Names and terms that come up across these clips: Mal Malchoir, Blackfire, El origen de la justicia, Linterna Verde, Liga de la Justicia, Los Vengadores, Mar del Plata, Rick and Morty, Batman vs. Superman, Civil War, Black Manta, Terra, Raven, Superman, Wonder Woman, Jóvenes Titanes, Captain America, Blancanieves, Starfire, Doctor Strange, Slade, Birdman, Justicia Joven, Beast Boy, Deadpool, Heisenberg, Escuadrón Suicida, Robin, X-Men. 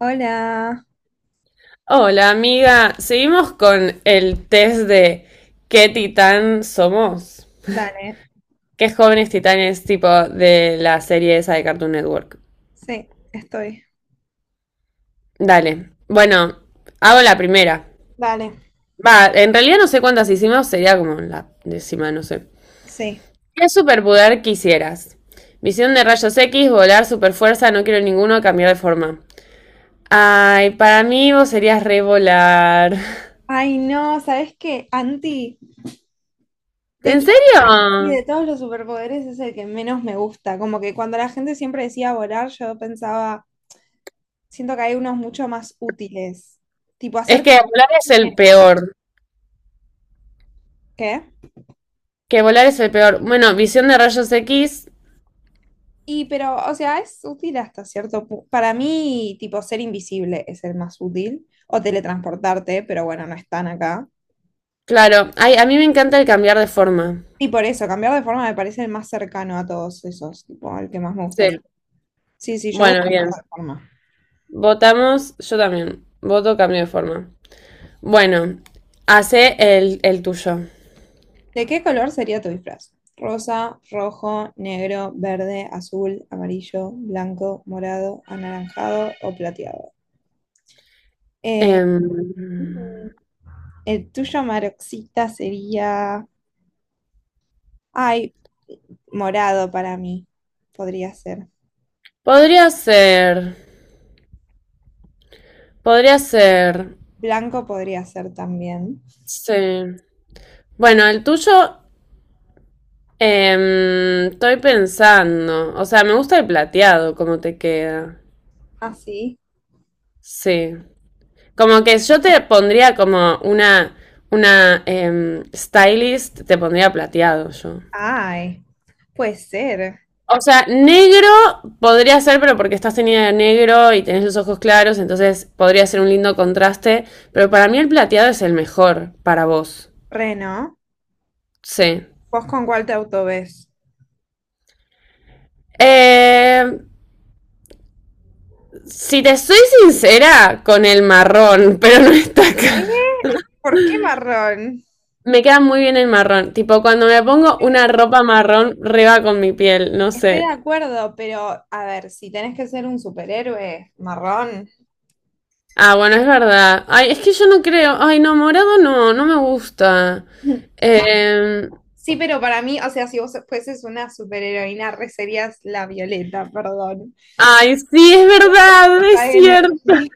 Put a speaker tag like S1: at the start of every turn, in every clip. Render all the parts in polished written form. S1: Hola,
S2: Hola amiga, seguimos con el test de ¿qué titán somos?
S1: dale,
S2: ¿Qué jóvenes titanes tipo de la serie esa de Cartoon Network?
S1: sí, estoy.
S2: Dale, bueno, hago la primera.
S1: Dale.
S2: Va, en realidad no sé cuántas hicimos, sería como la décima, no sé.
S1: Sí.
S2: ¿Qué superpoder quisieras? Visión de rayos X, volar, superfuerza, no quiero ninguno, cambiar de forma. Ay, para mí vos serías re volar.
S1: Ay, no, ¿sabes qué? Anti, de
S2: ¿En
S1: hecho,
S2: serio?
S1: sí, de todos los superpoderes es el que menos me gusta. Como que cuando la gente siempre decía volar, yo pensaba, siento que hay unos mucho más útiles. Tipo,
S2: Es
S1: hacer...
S2: que volar es el peor.
S1: ¿Qué?
S2: Que volar es el peor. Bueno, visión de rayos X.
S1: Y pero, o sea, es útil hasta cierto punto. Para mí, tipo, ser invisible es el más útil. O teletransportarte, pero bueno, no están acá.
S2: Claro, ay, a mí me encanta el cambiar de forma.
S1: Y por eso, cambiar de forma me parece el más cercano a todos esos, tipo, el que más me
S2: Sí.
S1: gustaría. Sí, sí, yo voto
S2: Bueno,
S1: por
S2: bien.
S1: la reforma.
S2: Votamos, yo también. Voto cambio de forma. Bueno, hace el tuyo.
S1: ¿De qué color sería tu disfraz? Rosa, rojo, negro, verde, azul, amarillo, blanco, morado, anaranjado o plateado. Eh,
S2: Em,
S1: mm, el tuyo, Maroxita, sería... Ay, morado para mí. Podría ser.
S2: Podría ser. Podría ser.
S1: Blanco podría ser también.
S2: Sí. Bueno, el tuyo. Estoy pensando. O sea, me gusta el plateado, como te queda.
S1: ¿Así?
S2: Sí. Como que yo te pondría como una stylist, te pondría plateado yo.
S1: Ay, puede ser.
S2: O sea, negro podría ser, pero porque estás tenida de negro y tenés los ojos claros, entonces podría ser un lindo contraste. Pero para mí el plateado es el mejor para vos.
S1: Reno,
S2: Sí.
S1: ¿vos con cuál te auto ves?
S2: Eh, si te soy sincera, con el marrón, pero no está acá.
S1: ¿Eh? ¿Por qué marrón?
S2: Me queda muy bien el marrón. Tipo, cuando me
S1: Me
S2: pongo
S1: queda
S2: una
S1: lindo.
S2: ropa marrón, reba con mi piel, no
S1: Estoy de
S2: sé.
S1: acuerdo, pero a ver, si tenés que ser un superhéroe marrón.
S2: Ah, bueno, es verdad. Ay, es que yo no creo. Ay, no, morado no, no me gusta. Eh,
S1: Sí, pero para mí, o sea, si vos fueses una superheroína, re serías la Violeta, perdón.
S2: Ay, sí, es verdad, es
S1: La
S2: cierto.
S1: energía.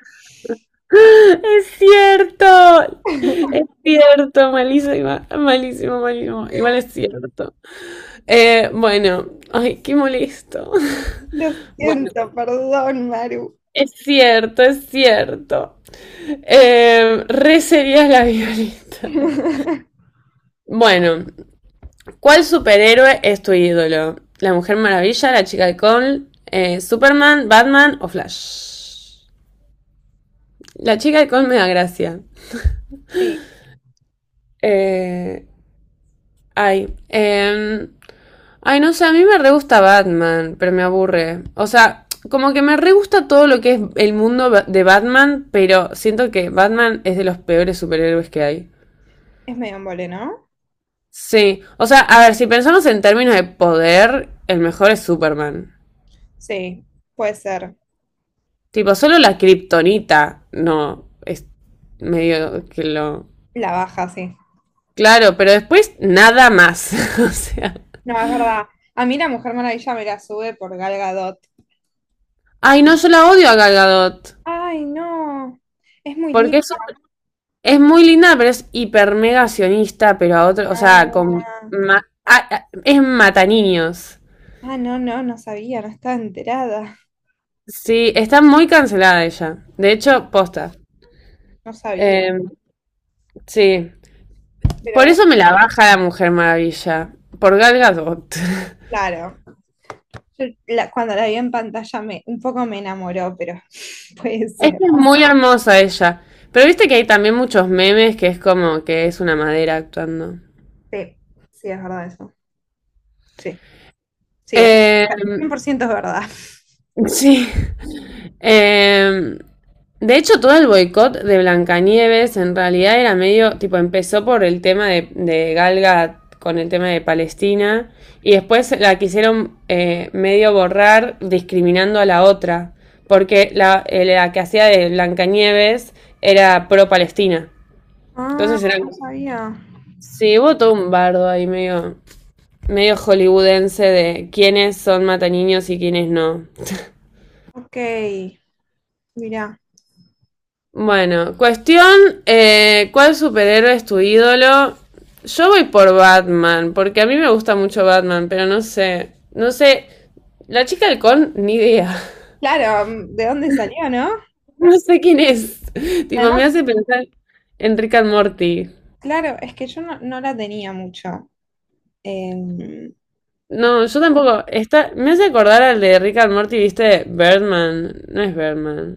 S2: Es cierto. Es cierto, malísima, malísimo, malísimo. Igual es cierto. Bueno, ay, qué molesto.
S1: Lo
S2: Bueno,
S1: siento, perdón, Maru.
S2: es cierto, es cierto. Re sería la violeta. Bueno, ¿cuál superhéroe es tu ídolo? ¿La Mujer Maravilla, la Chica de Col, Superman, Batman o Flash? La Chica de Col me da gracia.
S1: Sí,
S2: Eh, Ay, ay, no sé, a mí me re gusta Batman, pero me aburre. O sea, como que me re gusta todo lo que es el mundo de Batman, pero siento que Batman es de los peores superhéroes que hay.
S1: es medio embole, ¿no?
S2: Sí, o sea, a ver, si pensamos en términos de poder, el mejor es Superman.
S1: Sí, puede ser.
S2: Tipo, solo la kriptonita no es medio que lo.
S1: La baja, sí.
S2: Claro, pero después nada más. O sea.
S1: No, es verdad. A mí la Mujer Maravilla me la sube por Gal Gadot.
S2: Ay, no, yo la odio a Gal Gadot.
S1: Ay, no. Es muy
S2: Porque es,
S1: linda.
S2: es muy linda, pero es hiper mega sionista, pero a otro. O sea, con.
S1: Ah,
S2: Es mata niños.
S1: no, no, no sabía, no estaba enterada.
S2: Sí, está muy cancelada ella. De hecho, posta.
S1: No sabía,
S2: Em, sí.
S1: pero
S2: Por eso me
S1: bueno,
S2: la baja la Mujer Maravilla. Por Gal Gadot.
S1: claro. Yo la- cuando la vi en pantalla me, un poco me enamoró, pero puede
S2: Es que
S1: ser.
S2: es muy hermosa ella. Pero viste que hay también muchos memes que es como que es una madera actuando.
S1: Sí, sí, es verdad eso. Sí, sí, es
S2: Eh,
S1: 100% es verdad.
S2: sí. Eh, de hecho, todo el boicot de Blancanieves en realidad era medio, tipo, empezó por el tema de Galga con el tema de Palestina y después la quisieron medio borrar discriminando a la otra, porque la que hacía de Blancanieves era pro-Palestina.
S1: Ah,
S2: Entonces era.
S1: no sabía.
S2: Sí, hubo todo un bardo ahí medio hollywoodense de quiénes son mataniños y quiénes no.
S1: Ok, mira.
S2: Bueno, cuestión, ¿cuál superhéroe es tu ídolo? Yo voy por Batman, porque a mí me gusta mucho Batman, pero no sé, no sé, la chica del ni idea,
S1: Claro, mm, ¿de dónde salió, no?
S2: no sé quién es. Tipo, me
S1: Además,
S2: hace pensar en Rick and Morty.
S1: claro, es que yo no, no la tenía mucho. Eh,
S2: No, yo tampoco, está, me hace acordar al de Rick and Morty, ¿viste? Birdman, no es Birdman,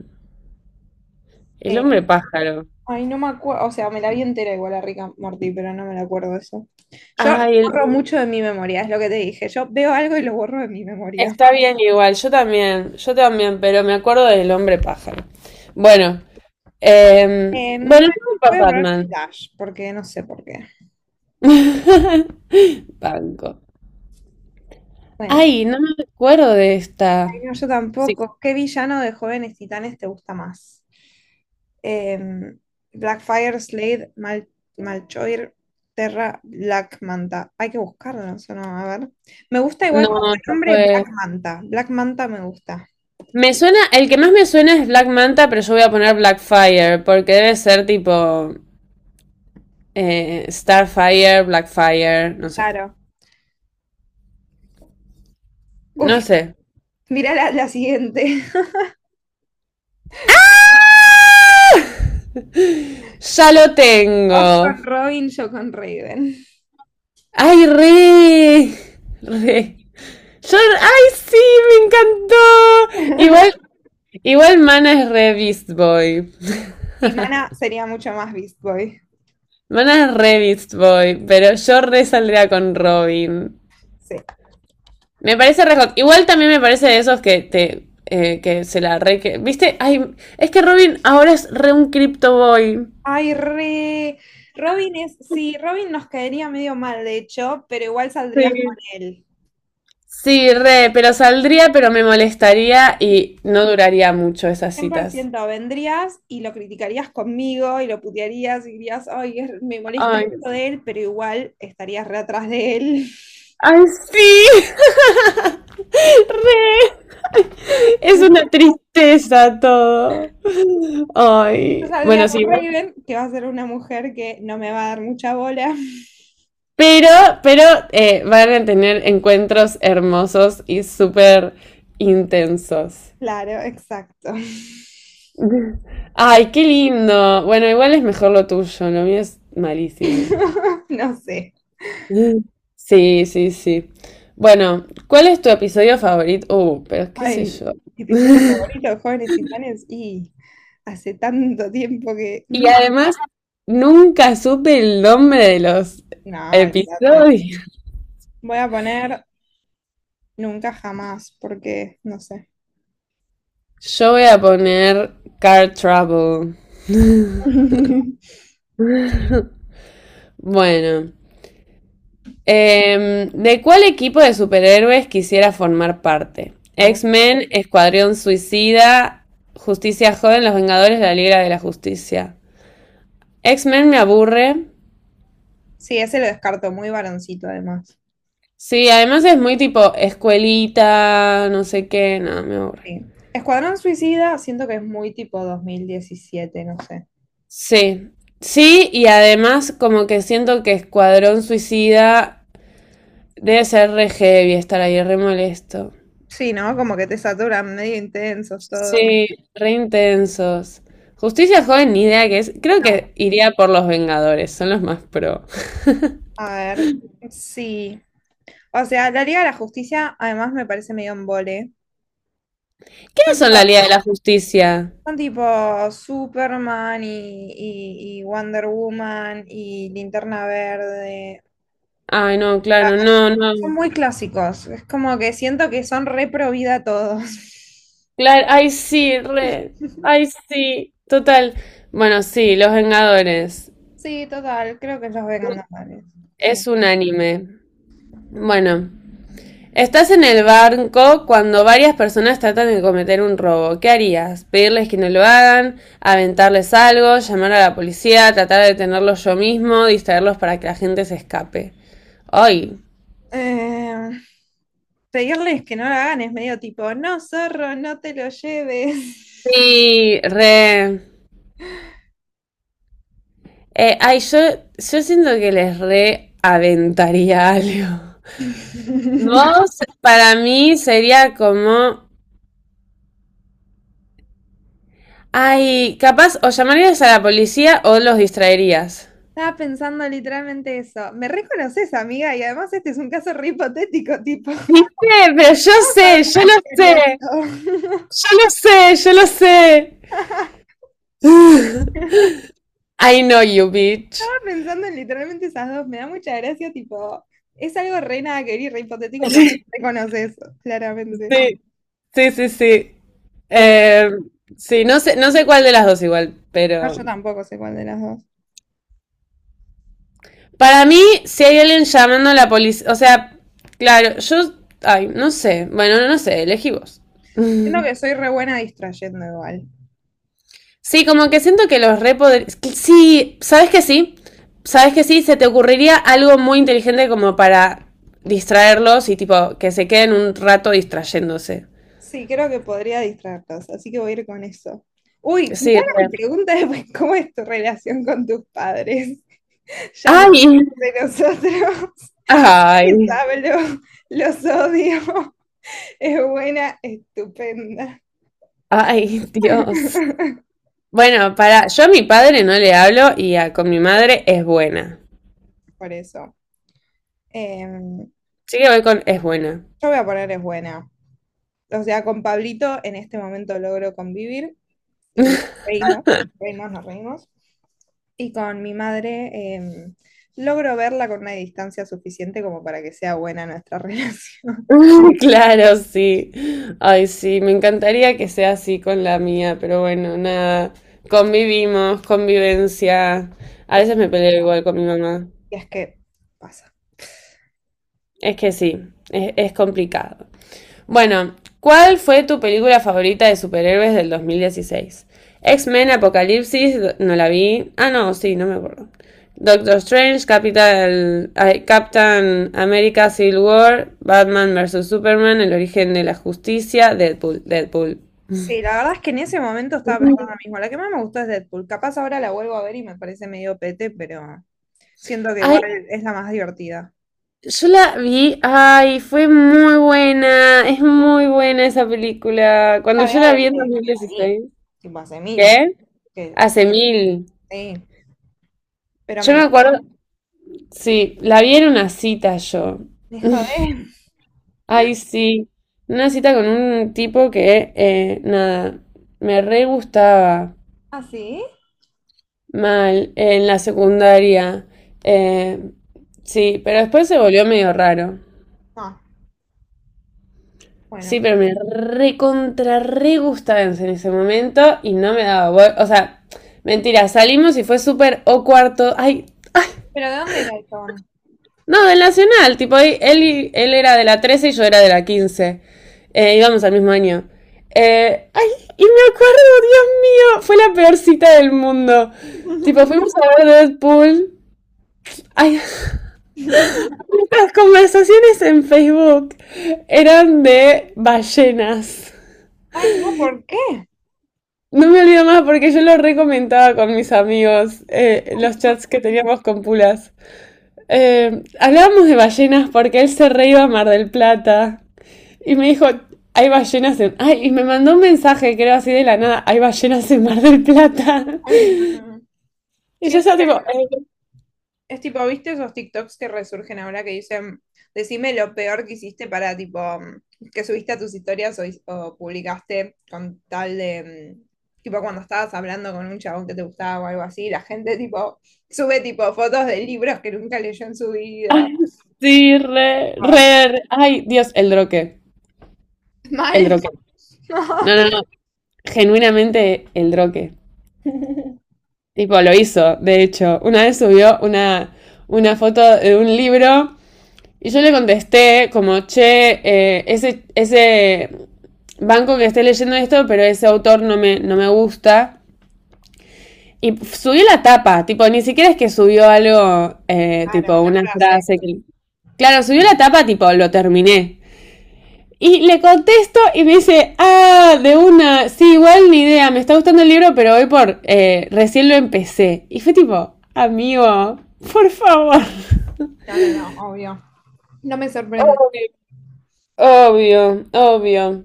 S2: el hombre pájaro.
S1: Ay, no me acuerdo, o sea, me la vi entera igual a Rick and Morty, pero no me la acuerdo de eso. Yo
S2: Ay,
S1: borro mucho de mi memoria, es lo que te dije. Yo veo algo y lo borro de mi memoria.
S2: está bien igual, yo también, pero me acuerdo del hombre pájaro. Bueno,
S1: Bueno,
S2: bueno, yo voy por
S1: voy a poner
S2: Batman.
S1: Flash, porque no sé por qué.
S2: Banco.
S1: Bueno,
S2: Ay, no me acuerdo de esta.
S1: ay, no, yo
S2: Sí.
S1: tampoco. ¿Qué villano de Jóvenes Titanes te gusta más? Em, Blackfire, Slade, Malchoir, Terra, Black Manta. Hay que buscarlo, eso no, a ver. Me gusta igual como
S2: No, esta
S1: nombre
S2: fue.
S1: Black Manta. Black Manta me gusta.
S2: Me suena, el que más me suena es Black Manta, pero yo voy a poner Blackfire, porque debe ser tipo Starfire, Blackfire, no sé.
S1: Claro. Uf,
S2: No sé.
S1: mirá la siguiente.
S2: Ya lo
S1: Vos
S2: tengo.
S1: con Robin, yo con Raven.
S2: Ay, re, re. Yo, ¡ay, sí! ¡Me encantó! Igual Mana es re Beast Boy.
S1: Timana sería mucho más Beast Boy.
S2: Mana es re Beast Boy, pero yo re saldría con Robin.
S1: Sí.
S2: Me parece re hot. Igual también me parece de esos que te. Que se la re. ¿Viste? Ay, es que Robin ahora es re un Crypto Boy.
S1: Ay, re. Robin es. Sí, Robin nos caería medio mal, de hecho, pero igual saldrías con
S2: Sí.
S1: él.
S2: Sí, re, pero saldría, pero me molestaría y no duraría mucho esas
S1: Cien por
S2: citas.
S1: ciento vendrías y lo criticarías conmigo y lo putearías y dirías, ay, es- me molesta
S2: Ay,
S1: esto de él, pero igual estarías re atrás de él.
S2: ay, sí. Re. Es una tristeza todo.
S1: Yo
S2: Ay,
S1: saldría
S2: bueno, sí,
S1: con Raven, que va a ser una mujer que no me va a dar mucha bola.
S2: pero, pero van a tener encuentros hermosos y súper intensos.
S1: Claro, exacto.
S2: Ay, qué lindo. Bueno, igual es mejor lo tuyo, lo mío es malísimo.
S1: No sé.
S2: Sí, sí, sí. Bueno, ¿cuál es tu episodio favorito? Pero qué sé
S1: Ay,
S2: yo.
S1: episodio favorito de Jóvenes Titanes y hace tanto tiempo que...
S2: Y
S1: mm,
S2: además, nunca supe el nombre de los
S1: no, olvídate.
S2: episodios.
S1: Voy a poner nunca jamás porque no sé.
S2: Yo voy a poner Car Trouble. Bueno, ¿de cuál equipo de superhéroes quisiera formar parte?
S1: Oh.
S2: X-Men, Escuadrón Suicida, Justicia Joven, Los Vengadores, La Liga de la Justicia. X-Men me aburre.
S1: Sí, ese lo descarto, muy varoncito además.
S2: Sí, además es muy tipo escuelita, no sé qué, no, me aburre.
S1: Sí. Escuadrón Suicida, siento que es muy tipo 2017, no sé.
S2: Sí, sí, y además como que siento que Escuadrón Suicida debe ser re heavy estar ahí, re molesto.
S1: Sí, ¿no? Como que te saturan medio intensos todo.
S2: Sí, re intensos. Justicia Joven, ni idea que es. Creo
S1: No,
S2: que iría por los Vengadores, son los más pro.
S1: a ver, sí. O sea, la Liga de la Justicia además me parece medio embole.
S2: ¿Quiénes
S1: Son
S2: son la Liga de la Justicia?
S1: Son tipo Superman y Wonder Woman y Linterna Verde.
S2: Ay, no,
S1: Ah,
S2: claro, no, no.
S1: son muy clásicos. Es como que siento que son re pro vida todos.
S2: Claro, ay, sí, re. Ay, sí, total. Bueno, sí, los Vengadores.
S1: Sí, total, creo que los vegan normales. Sí.
S2: Es un anime. Bueno. Estás en el banco cuando varias personas tratan de cometer un robo. ¿Qué harías? ¿Pedirles que no lo hagan? ¿Aventarles algo? ¿Llamar a la policía? ¿Tratar de detenerlos yo mismo? ¿Distraerlos para que la gente se escape? ¡Ay!
S1: Eh, Pedirles que no la hagan es medio tipo, no, zorro, no te lo lleves.
S2: Sí, re. Ay, yo siento que les re aventaría algo. Vos, para mí, sería como. Ay, capaz o llamarías a la policía o los distraerías.
S1: Estaba pensando literalmente eso. Me reconoces, amiga, y además este es un caso re hipotético, tipo,
S2: ¿Viste? Pero yo
S1: vamos a
S2: sé,
S1: ver
S2: yo
S1: las
S2: lo
S1: que
S2: sé.
S1: haría yo.
S2: Yo lo sé, yo lo sé.
S1: Estaba
S2: I know you, bitch.
S1: pensando en literalmente esas dos, me da mucha gracia, tipo, es algo re nada que ver y re hipotético, pero
S2: Sí,
S1: reconoce eso, claramente.
S2: sí, sí, sí.
S1: Eh,
S2: Eh, sí, no sé, no sé cuál de las dos igual,
S1: no,
S2: pero.
S1: yo tampoco sé cuál de las dos.
S2: Para mí, si hay alguien llamando a la policía. O sea, claro, yo. Ay, no sé. Bueno, no sé, elegí vos.
S1: Siento que soy re buena distrayendo igual.
S2: Sí, como que siento que los re que sí, ¿sabes que sí? ¿Sabes que sí? Se te ocurriría algo muy inteligente como para distraerlos y tipo que se queden un rato distrayéndose.
S1: Sí, creo que podría distraerlos, así que voy a ir con eso. Uy, mirá
S2: Sí,
S1: la
S2: re.
S1: pregunta después, ¿cómo es tu relación con tus padres? Ya no
S2: Ay,
S1: es de nosotros,
S2: ay,
S1: les hablo, los odio, es buena, estupenda.
S2: ay, Dios. Bueno, para, yo a mi padre no le hablo y con mi madre es buena.
S1: Por eso. Em,
S2: Sí que voy con es buena.
S1: Yo voy a poner es buena. O sea, con Pablito en este momento logro convivir y reímos, nos reímos. Y con mi madre logro verla con una distancia suficiente como para que sea buena nuestra relación.
S2: Claro, sí. Ay, sí, me encantaría que sea así con la mía, pero bueno, nada. Convivimos, convivencia. A veces me peleo igual con mi mamá.
S1: Y es que pasa.
S2: Es que sí, es complicado. Bueno, ¿cuál fue tu película favorita de superhéroes del 2016? X-Men, Apocalipsis, no la vi. Ah, no, sí, no me acuerdo. Doctor Strange, Capital, ay, Captain America, Civil War, Batman vs. Superman, El origen de la justicia, Deadpool, Deadpool.
S1: Sí, la verdad es que en ese momento estaba pensando lo mismo. La que más me gustó es Deadpool. Capaz ahora la vuelvo a ver y me parece medio pete, pero siento que igual
S2: Ay,
S1: es la más divertida.
S2: yo la vi, ay, fue muy buena, es muy buena esa película. ¿Cuando
S1: La veo
S2: yo la vi
S1: desde
S2: en dos mil
S1: que la vi,
S2: dieciséis?
S1: tipo hace mil.
S2: ¿Qué?
S1: Que,
S2: Hace mil.
S1: sí, pero me
S2: Yo me
S1: encanta.
S2: acuerdo, sí, la vi en una cita yo.
S1: Me jodé.
S2: Ay, sí. Una cita con un tipo que, nada, me re gustaba
S1: ¿Ah, sí?
S2: mal en la secundaria. Eh, sí, pero después se volvió medio raro.
S1: No,
S2: Sí,
S1: bueno.
S2: pero me re contra re gustaba en ese momento y no me daba. O sea, mentira, salimos y fue súper o cuarto. Ay,
S1: ¿Pero de dónde era el chabón?
S2: no, del Nacional, tipo, él era de la 13 y yo era de la 15. Íbamos al mismo año. Ay, y me acuerdo, Dios mío, fue la peor cita del mundo. Tipo, fuimos a ver Deadpool. Ay, las conversaciones en Facebook eran de ballenas.
S1: Ay, no, ¿por qué?
S2: No me olvido más porque yo lo recomentaba con mis amigos, los chats que teníamos con Pulas. Hablábamos de ballenas porque él se re iba a Mar del Plata. Y me dijo, hay ballenas en. Ay, y me mandó un mensaje, creo así de la nada, hay ballenas en Mar del Plata.
S1: Ay, mm,
S2: Y yo
S1: siento
S2: estaba tipo,
S1: que es tipo, ¿viste esos TikToks que resurgen ahora que dicen, decime lo peor que hiciste para tipo, mm, que subiste a tus historias o publicaste con tal de, mm, tipo, cuando estabas hablando con un chabón que te gustaba o algo así, la gente tipo, sube tipo fotos de libros que nunca leyó en su vida.
S2: ay, sí, re,
S1: Ay,
S2: re, re. Ay, Dios, el droque, el
S1: mal.
S2: droque. No, no, no, genuinamente el droque.
S1: no.
S2: Tipo, lo hizo, de hecho. Una vez subió una foto de un libro y yo le contesté como, che, ese banco que esté leyendo esto, pero ese autor no me gusta. Y subió la tapa, tipo, ni siquiera es que subió algo,
S1: Claro,
S2: tipo,
S1: una
S2: una
S1: frase.
S2: frase que. Claro, subió la tapa, tipo, lo terminé. Y le contesto y me dice, ah, de una, sí, igual ni idea, me está gustando el libro, pero hoy por, recién lo empecé. Y fue tipo, amigo, por favor.
S1: No, no, no, obvio. No me sorprende.
S2: Obvio, obvio, obvio.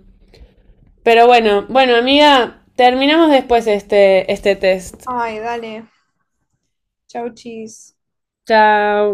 S2: Pero bueno, amiga, terminamos después este test.
S1: Ay, dale. Chau, chis.
S2: Chao.